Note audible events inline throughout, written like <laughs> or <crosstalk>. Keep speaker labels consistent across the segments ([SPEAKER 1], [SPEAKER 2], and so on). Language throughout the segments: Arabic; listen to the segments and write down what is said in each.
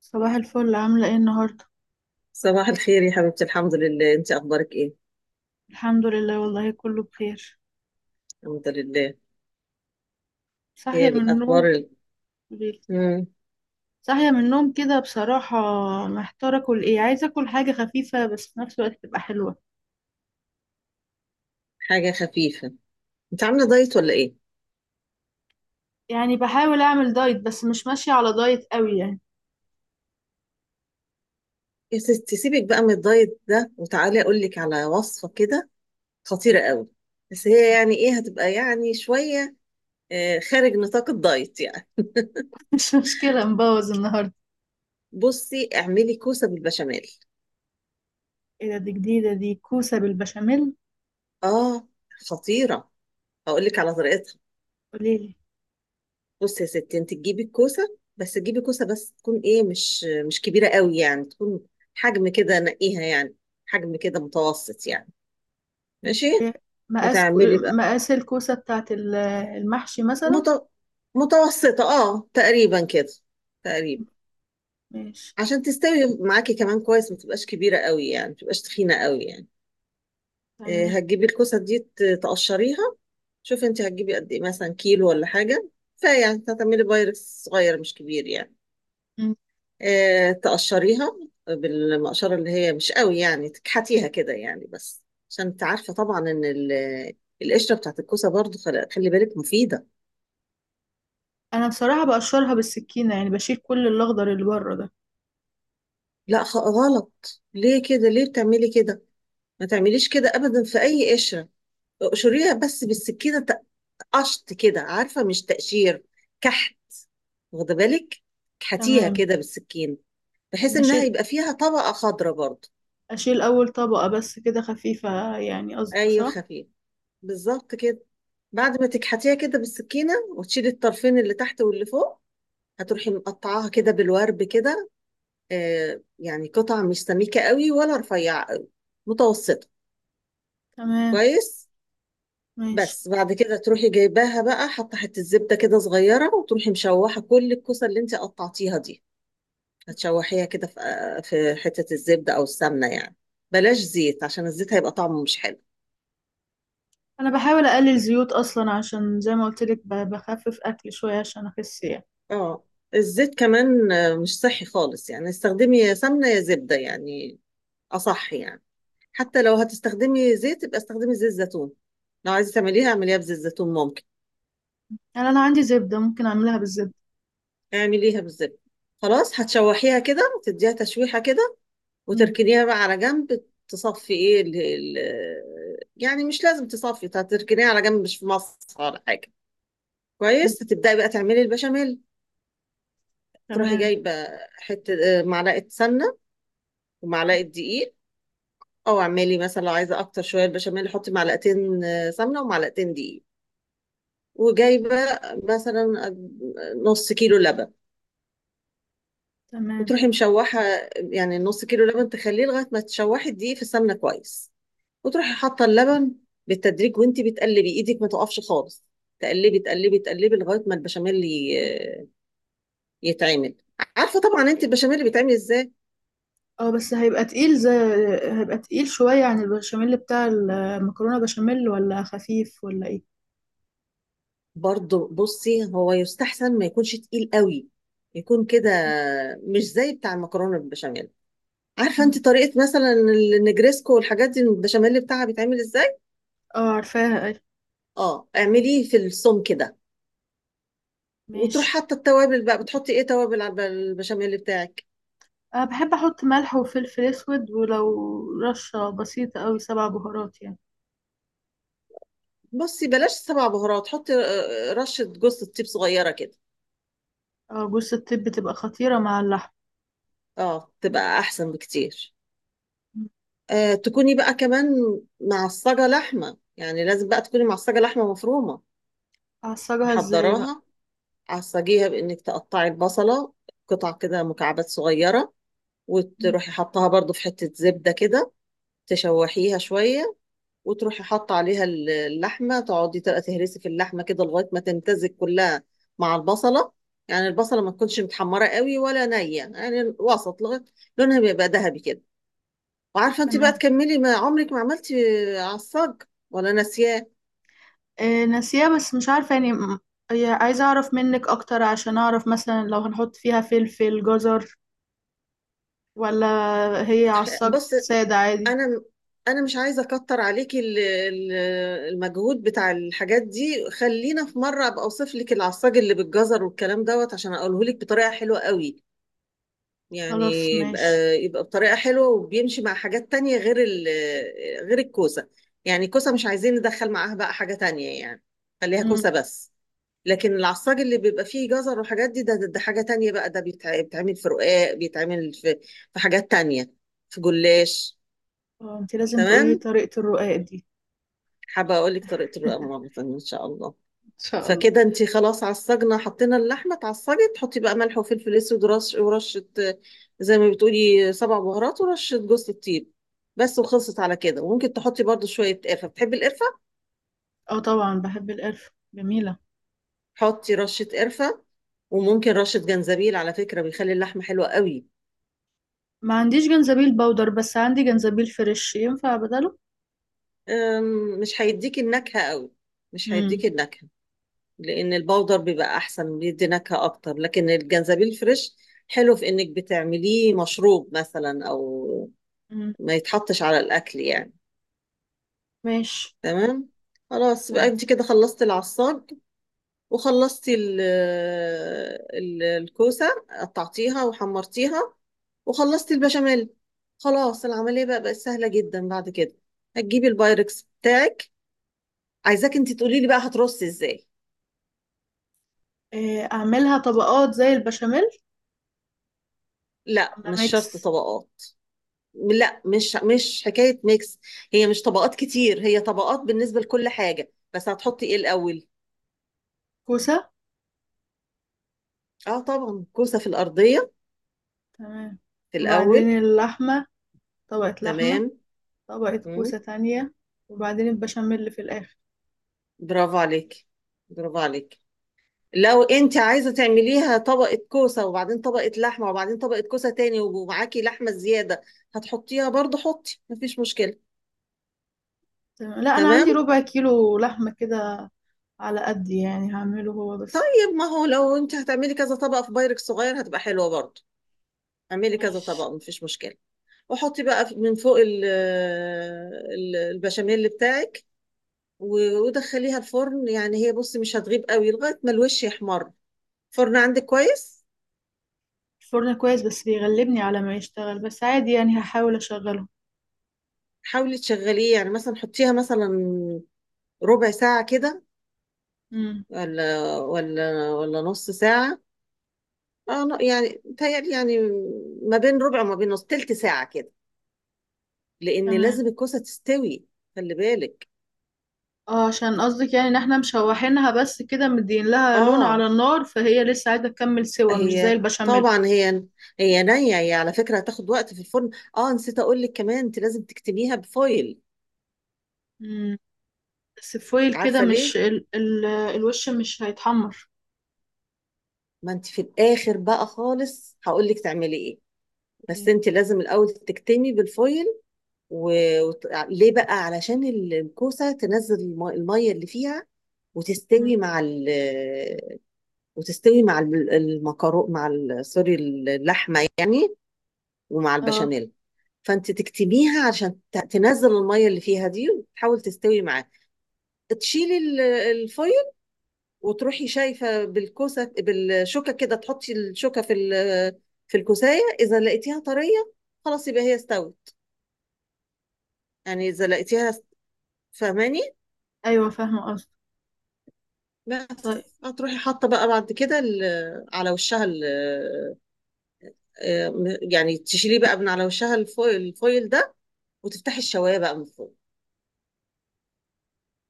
[SPEAKER 1] صباح الفل، عاملة ايه النهاردة؟
[SPEAKER 2] صباح الخير يا حبيبتي، الحمد لله. انت اخبارك ايه؟
[SPEAKER 1] الحمد لله، والله كله بخير.
[SPEAKER 2] الحمد لله.
[SPEAKER 1] صاحية
[SPEAKER 2] ايه
[SPEAKER 1] من النوم.
[SPEAKER 2] الاخبار
[SPEAKER 1] ك-
[SPEAKER 2] مم.
[SPEAKER 1] صاحية من النوم كده بصراحة. محتارة اكل ايه، عايزة اكل حاجة خفيفة بس في نفس الوقت تبقى حلوة.
[SPEAKER 2] حاجه خفيفه. انت عامله دايت ولا ايه؟
[SPEAKER 1] يعني بحاول اعمل دايت بس مش ماشية على دايت قوي يعني.
[SPEAKER 2] يا ستي سيبك بقى من الدايت ده وتعالي اقول لك على وصفه كده. خطيره قوي. بس هي يعني ايه، هتبقى يعني شويه، خارج نطاق الدايت يعني.
[SPEAKER 1] <laughs> مش مشكلة، مبوظ النهاردة.
[SPEAKER 2] بصي اعملي كوسه بالبشاميل.
[SPEAKER 1] ايه ده؟ دي جديدة، دي كوسة بالبشاميل؟
[SPEAKER 2] اه، خطيره. هقول لك على طريقتها.
[SPEAKER 1] قوليلي.
[SPEAKER 2] بصي يا ستي، انت تجيبي الكوسه، بس تجيبي كوسه بس تكون ايه، مش كبيره قوي يعني، تكون حجم كده، نقيها يعني حجم كده متوسط يعني. ماشي.
[SPEAKER 1] إيه، مقاس
[SPEAKER 2] وتعملي بقى.
[SPEAKER 1] مقاس الكوسة بتاعت المحشي مثلا.
[SPEAKER 2] مت... متوسطه اه تقريبا كده، تقريبا.
[SPEAKER 1] ماشي.
[SPEAKER 2] عشان تستوي معاكي كمان كويس، ما تبقاش كبيره قوي يعني، ما تبقاش تخينه قوي يعني. اه،
[SPEAKER 1] تمام.
[SPEAKER 2] هتجيبي الكوسه دي تقشريها. شوفي انت هتجيبي قد ايه، مثلا كيلو ولا حاجه. فيعني هتعملي بايركس صغير مش كبير يعني.
[SPEAKER 1] مم.
[SPEAKER 2] تقشريها بالمقشرة، اللي هي مش قوي يعني، تكحتيها كده يعني بس. عشان انت عارفة طبعا ان القشرة بتاعت الكوسة برضو، خلي بالك، مفيدة.
[SPEAKER 1] انا بصراحة بقشرها بالسكينة، يعني بشيل كل الاخضر اللي بره ده.
[SPEAKER 2] لا، غلط. ليه كده؟ ليه بتعملي كده؟ ما تعمليش كده ابدا في اي قشرة. اقشريها بس بالسكينة، قشط كده، عارفة، مش تقشير، كحت. واخدة بالك؟ كحتيها
[SPEAKER 1] تمام.
[SPEAKER 2] كده بالسكينة، بحيث
[SPEAKER 1] إن
[SPEAKER 2] انها
[SPEAKER 1] أشيل
[SPEAKER 2] يبقى فيها طبقة خضراء برضو.
[SPEAKER 1] أشيل أول طبقة بس كده خفيفة، يعني قصدك
[SPEAKER 2] ايوه،
[SPEAKER 1] صح؟
[SPEAKER 2] خفيف، بالظبط كده. بعد ما تكحتيها كده بالسكينة، وتشيلي الطرفين اللي تحت واللي فوق، هتروحي مقطعاها كده بالورب كده. آه، يعني قطع مش سميكة قوي ولا رفيعة قوي، متوسطة.
[SPEAKER 1] تمام.
[SPEAKER 2] كويس.
[SPEAKER 1] ماشي.
[SPEAKER 2] بس بعد كده تروحي جايباها بقى، حاطة حتة زبدة كده صغيرة، وتروحي مشوحة كل الكوسة اللي انت قطعتيها دي. هتشوحيها كده في في حتة الزبدة أو السمنة يعني. بلاش زيت، عشان الزيت هيبقى طعمه مش حلو.
[SPEAKER 1] أنا بحاول أقلل زيوت أصلا، عشان زي ما قلتلك بخفف أكل شوية عشان أخس يعني.
[SPEAKER 2] اه، الزيت كمان مش صحي خالص يعني. استخدمي يا سمنة يا زبدة يعني، اصح يعني. حتى لو هتستخدمي زيت يبقى استخدمي زيت زيتون. لو عايزه تعمليها اعمليها بزيت زيتون، ممكن.
[SPEAKER 1] يعني أنا عندي زبدة، ممكن أعملها بالزبدة.
[SPEAKER 2] اعمليها بالزبده. خلاص، هتشوحيها كده، تديها تشويحه كده،
[SPEAKER 1] مم.
[SPEAKER 2] وتركنيها بقى على جنب، تصفي ايه ال ال يعني مش لازم تصفي، هتركنيها على جنب، مش في مصر ولا حاجه.
[SPEAKER 1] مم.
[SPEAKER 2] كويس. هتبداي بقى تعملي البشاميل. تروحي
[SPEAKER 1] تمام.
[SPEAKER 2] جايبه حته معلقه سمنه ومعلقه دقيق. او اعملي مثلا، لو عايزه اكتر شويه البشاميل، حطي معلقتين سمنه ومعلقتين دقيق. وجايبه مثلا نص كيلو لبن.
[SPEAKER 1] تمام.
[SPEAKER 2] وتروحي مشوحه. يعني نص كيلو لبن تخليه لغايه ما تشوحي الدقيق في السمنه كويس، وتروحي حاطه اللبن بالتدريج وانت بتقلبي، ايدك ما تقفش خالص. تقلبي تقلبي تقلبي لغايه ما البشاميل يتعمل. عارفه طبعا انت البشاميل بيتعمل ازاي.
[SPEAKER 1] اه، بس هيبقى تقيل شوية عن البشاميل بتاع المكرونة. بشاميل ولا خفيف ولا ايه؟
[SPEAKER 2] برضه بصي، هو يستحسن ما يكونش تقيل قوي، يكون كده مش زي بتاع المكرونه بالبشاميل. عارفه
[SPEAKER 1] مم.
[SPEAKER 2] انت طريقه مثلا النجريسكو والحاجات دي البشاميل بتاعها بيتعمل ازاي.
[SPEAKER 1] اه عارفاها اي.
[SPEAKER 2] اه، اعمليه في الصوم كده. وتروح
[SPEAKER 1] ماشي.
[SPEAKER 2] حاطه التوابل بقى. بتحطي ايه توابل على البشاميل بتاعك؟
[SPEAKER 1] أه، بحب أحط ملح وفلفل أسود، ولو رشة بسيطة أوي سبع بهارات يعني.
[SPEAKER 2] بصي، بلاش سبع بهارات. حطي رشه جوز الطيب صغيره كده.
[SPEAKER 1] أه، جوز الطيب بتبقى خطيرة مع اللحم.
[SPEAKER 2] اه، تبقى احسن بكتير. آه، تكوني بقى كمان معصجه لحمه، يعني لازم بقى تكوني معصجه لحمه مفرومه،
[SPEAKER 1] أعصجها إزاي بقى؟
[SPEAKER 2] محضراها. عصجيها بانك تقطعي البصله قطع كده مكعبات صغيره،
[SPEAKER 1] مم.
[SPEAKER 2] وتروحي حطها برضو في حته زبده كده، تشوحيها شويه، وتروحي حاطه عليها اللحمه، تقعدي تبقى تهرسي في اللحمه كده لغايه ما تمتزج كلها مع البصله. يعني البصله ما تكونش متحمره قوي ولا نيه يعني، وسط، لغايه لونها بيبقى ذهبي كده. وعارفه انت بقى
[SPEAKER 1] تمام.
[SPEAKER 2] تكملي. ما عمرك ما عملتي عصاج ولا ناسياه؟
[SPEAKER 1] أه ناسيها، بس مش عارفة يعني هي عايزة أعرف منك أكتر عشان أعرف مثلا لو هنحط فيها فلفل، جزر، ولا هي
[SPEAKER 2] <laughs>
[SPEAKER 1] عصاج
[SPEAKER 2] بص.
[SPEAKER 1] سادة عادي.
[SPEAKER 2] انا انا مش عايزه اكتر عليكي المجهود بتاع الحاجات دي. خلينا في مره ابقى اوصف لك العصاج اللي بالجزر والكلام دوت، عشان اقوله لك بطريقه حلوه قوي. يعني
[SPEAKER 1] خلاص
[SPEAKER 2] يبقى،
[SPEAKER 1] ماشي.
[SPEAKER 2] بطريقة حلوة، وبيمشي مع حاجات تانية غير الكوسة. يعني الكوسة مش عايزين ندخل معاها بقى حاجة تانية يعني، خليها
[SPEAKER 1] مم.
[SPEAKER 2] كوسة بس. لكن العصاج اللي بيبقى فيه جزر وحاجات دي، ده حاجة تانية بقى. ده بيتعمل في رقاق، بيتعمل في حاجات تانية، في جلاش.
[SPEAKER 1] آه، انتي لازم تقولي
[SPEAKER 2] تمام.
[SPEAKER 1] طريقة الرقاق دي.
[SPEAKER 2] حابة أقول لك طريقة الرقاق
[SPEAKER 1] <laughs>
[SPEAKER 2] مرة تانية إن شاء الله.
[SPEAKER 1] إن شاء الله.
[SPEAKER 2] فكده انت خلاص عالصجنة، حطينا اللحمة اتعصجت، تحطي بقى ملح وفلفل اسود ورش، ورشة زي ما بتقولي سبع بهارات ورشة جوز الطيب بس، وخلصت على كده. وممكن تحطي برضو شوية قرفة، بتحبي القرفة؟
[SPEAKER 1] اه طبعا بحب القرفة، جميلة.
[SPEAKER 2] حطي رشة قرفة. وممكن رشة جنزبيل، على فكرة بيخلي اللحمة حلوة قوي.
[SPEAKER 1] ما عنديش جنزبيل باودر، بس عندي جنزبيل فريش، ينفع بدله؟
[SPEAKER 2] مش هيديكي النكهة قوي، مش
[SPEAKER 1] امم.
[SPEAKER 2] هيديكي النكهة. لأن البودر بيبقى أحسن، بيدي نكهة أكتر، لكن الجنزبيل فريش حلو في إنك بتعمليه مشروب مثلا، أو
[SPEAKER 1] امم.
[SPEAKER 2] ما يتحطش على الأكل يعني.
[SPEAKER 1] ماشي.
[SPEAKER 2] تمام. خلاص بقى
[SPEAKER 1] تمام.
[SPEAKER 2] انت كده خلصتي العصاج، وخلصتي الكوسة، قطعتيها وحمرتيها، وخلصتي البشاميل. خلاص العملية بقى بقت سهلة جدا بعد كده. هتجيبي البايركس بتاعك. عايزاك انت تقولي لي بقى هترصي ازاي.
[SPEAKER 1] إيه، اعملها طبقات زي البشاميل،
[SPEAKER 2] لا،
[SPEAKER 1] ولا
[SPEAKER 2] مش شرط
[SPEAKER 1] ميكس؟
[SPEAKER 2] طبقات. لا، مش حكاية ميكس. هي مش طبقات كتير، هي طبقات بالنسبة لكل حاجة. بس هتحطي ايه الأول؟
[SPEAKER 1] كوسة.
[SPEAKER 2] اه طبعا، كوسة في الأرضية
[SPEAKER 1] تمام.
[SPEAKER 2] في الأول.
[SPEAKER 1] وبعدين اللحمة، طبقة
[SPEAKER 2] تمام.
[SPEAKER 1] لحمة. طبقة
[SPEAKER 2] مم.
[SPEAKER 1] كوسة تانية. وبعدين البشاميل اللي في الآخر.
[SPEAKER 2] برافو عليك، برافو عليك. لو انت عايزه تعمليها طبقه كوسه وبعدين طبقه لحمه وبعدين طبقه كوسه تاني ومعاكي لحمه زياده، هتحطيها برضو، حطي، مفيش مشكله.
[SPEAKER 1] تمام. لا، أنا
[SPEAKER 2] تمام.
[SPEAKER 1] عندي ربع كيلو لحمة كده، على قد يعني هعمله هو بس.
[SPEAKER 2] طيب، ما هو لو انت هتعملي كذا طبقه في بايركس صغير هتبقى حلوه برضو. اعملي كذا
[SPEAKER 1] ماشي.
[SPEAKER 2] طبقه، مفيش مشكله. وحطي بقى من فوق البشاميل بتاعك. ودخليها الفرن. يعني هي، بصي، مش هتغيب قوي لغايه ما الوش يحمر. فرن عندك كويس؟
[SPEAKER 1] الفرن كويس، بس بيغلبني على ما يشتغل، بس عادي يعني، هحاول أشغله.
[SPEAKER 2] حاولي تشغليه، يعني مثلا حطيها مثلا ربع ساعة كده،
[SPEAKER 1] امم.
[SPEAKER 2] ولا نص ساعة. اه لا، يعني متهيألي يعني ما بين ربع وما بين نص تلت ساعة كده، لأن
[SPEAKER 1] تمام.
[SPEAKER 2] لازم الكوسة تستوي. خلي بالك.
[SPEAKER 1] اه، عشان قصدك يعني ان احنا مشوحينها بس كده، مدين لها لون
[SPEAKER 2] اه،
[SPEAKER 1] على النار، فهي لسه عايزه تكمل سوا، مش زي
[SPEAKER 2] هي
[SPEAKER 1] البشاميل.
[SPEAKER 2] طبعا هي نية. هي على فكرة هتاخد وقت في الفرن. اه، نسيت أقول لك كمان، أنت لازم تكتميها بفويل.
[SPEAKER 1] امم. بس فويل كده،
[SPEAKER 2] عارفة
[SPEAKER 1] مش
[SPEAKER 2] ليه؟
[SPEAKER 1] ال الوش مش هيتحمر.
[SPEAKER 2] ما أنت في الآخر بقى خالص هقول لك تعملي إيه، بس أنت لازم الأول تكتمي بالفويل. و... ليه بقى؟ علشان الكوسة تنزل المية اللي فيها،
[SPEAKER 1] امم.
[SPEAKER 2] وتستوي مع ال... وتستوي مع الم- المكرو مع ال... سوري، اللحمة يعني، ومع
[SPEAKER 1] اه،
[SPEAKER 2] البشاميل. فانت تكتميها عشان تنزل المية اللي فيها دي، وتحاول تستوي معاها. تشيلي الفويل، وتروحي شايفة بالكوسة بالشوكة كده، تحطي الشوكة في في الكوساية، إذا لقيتيها طرية خلاص يبقى هي استوت. يعني إذا لقيتيها، فاهماني؟
[SPEAKER 1] ايوه فاهمه قصدي.
[SPEAKER 2] بس
[SPEAKER 1] طيب.
[SPEAKER 2] هتروحي حاطه بقى بعد كده على وشها آه، يعني تشيليه بقى من على وشها الفويل، ده. وتفتحي الشوايه بقى من فوق.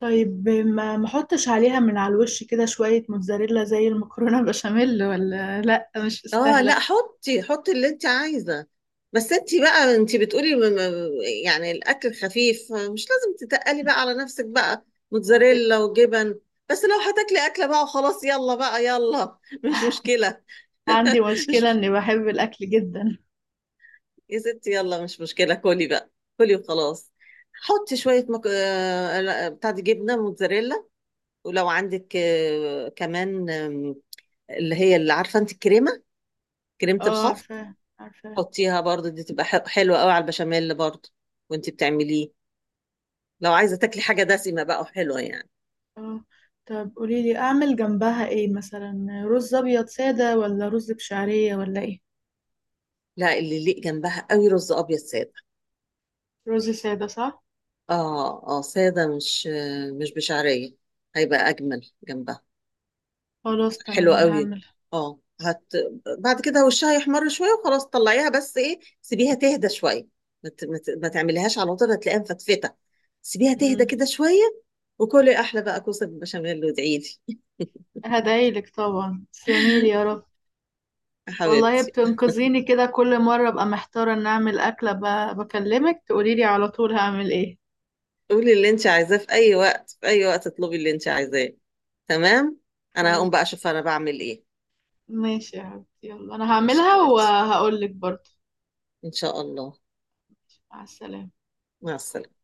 [SPEAKER 1] طيب، ما احطش عليها من على الوش كده شويه موتزاريلا زي المكرونه، <laughs> بشاميل، ولا لا، مش
[SPEAKER 2] اه
[SPEAKER 1] مستاهله؟
[SPEAKER 2] لا، حطي، حطي اللي انت عايزه. بس انت بقى، انت بتقولي يعني الاكل خفيف، مش لازم تتقلي بقى على نفسك بقى
[SPEAKER 1] عندي
[SPEAKER 2] موتزاريلا وجبن. بس لو هتاكلي اكله بقى وخلاص، يلا بقى يلا، <laughs> مش مشكله.
[SPEAKER 1] عندي
[SPEAKER 2] <laughs>
[SPEAKER 1] مشكله
[SPEAKER 2] مش،
[SPEAKER 1] اني بحب الاكل جدا.
[SPEAKER 2] يا ستي يلا مش مشكلة، كلي بقى، كلي وخلاص. حطي شوية مك... آه، لا، بتاع، دي جبنة موتزاريلا. ولو عندك كمان اللي هي اللي عارفة انت الكريمة، كريمة
[SPEAKER 1] اه
[SPEAKER 2] الخفق،
[SPEAKER 1] عارفه عارفه.
[SPEAKER 2] حطيها برضو. دي تبقى حلوة قوي على البشاميل برضو وانت بتعمليه، لو عايزة تاكلي حاجة دسمة بقى وحلوة يعني.
[SPEAKER 1] اه، طب قولي لي اعمل جنبها ايه، مثلا رز ابيض ساده، ولا رز بشعريه، ولا ايه؟
[SPEAKER 2] لا، اللي يليق جنبها قوي رز أبيض سادة.
[SPEAKER 1] رز سادة صح؟
[SPEAKER 2] اه اه، سادة، مش مش بشعرية، هيبقى أجمل جنبها.
[SPEAKER 1] خلاص
[SPEAKER 2] حلو
[SPEAKER 1] تمام
[SPEAKER 2] قوي.
[SPEAKER 1] هعملها.
[SPEAKER 2] اه، بعد كده وشها يحمر شويه وخلاص طلعيها، بس ايه، سيبيها تهدى شويه. ما تعمليهاش على طول، هتلاقيها مفتفته. سيبيها تهدى
[SPEAKER 1] امم.
[SPEAKER 2] كده شويه. وكلي احلى بقى كوسه بالبشاميل، وادعي لي.
[SPEAKER 1] هدعيلك طبعا، تسلميلي يا رب.
[SPEAKER 2] <laughs> يا
[SPEAKER 1] والله
[SPEAKER 2] حبيبتي.
[SPEAKER 1] بتنقذيني كده كل مرة، ابقى محتارة ان اعمل اكلة بكلمك تقوليلي على طول هعمل ايه.
[SPEAKER 2] قولي اللي انت عايزاه في اي وقت، في اي وقت اطلبي اللي انت عايزاه. تمام. انا هقوم بقى
[SPEAKER 1] حبيبتي.
[SPEAKER 2] اشوف انا بعمل ايه.
[SPEAKER 1] ماشي يا حبيبتي، يلا انا
[SPEAKER 2] ماشي يا
[SPEAKER 1] هعملها
[SPEAKER 2] حبيبتي،
[SPEAKER 1] وهقولك برضه.
[SPEAKER 2] ان شاء الله.
[SPEAKER 1] مع السلامة.
[SPEAKER 2] مع السلامه.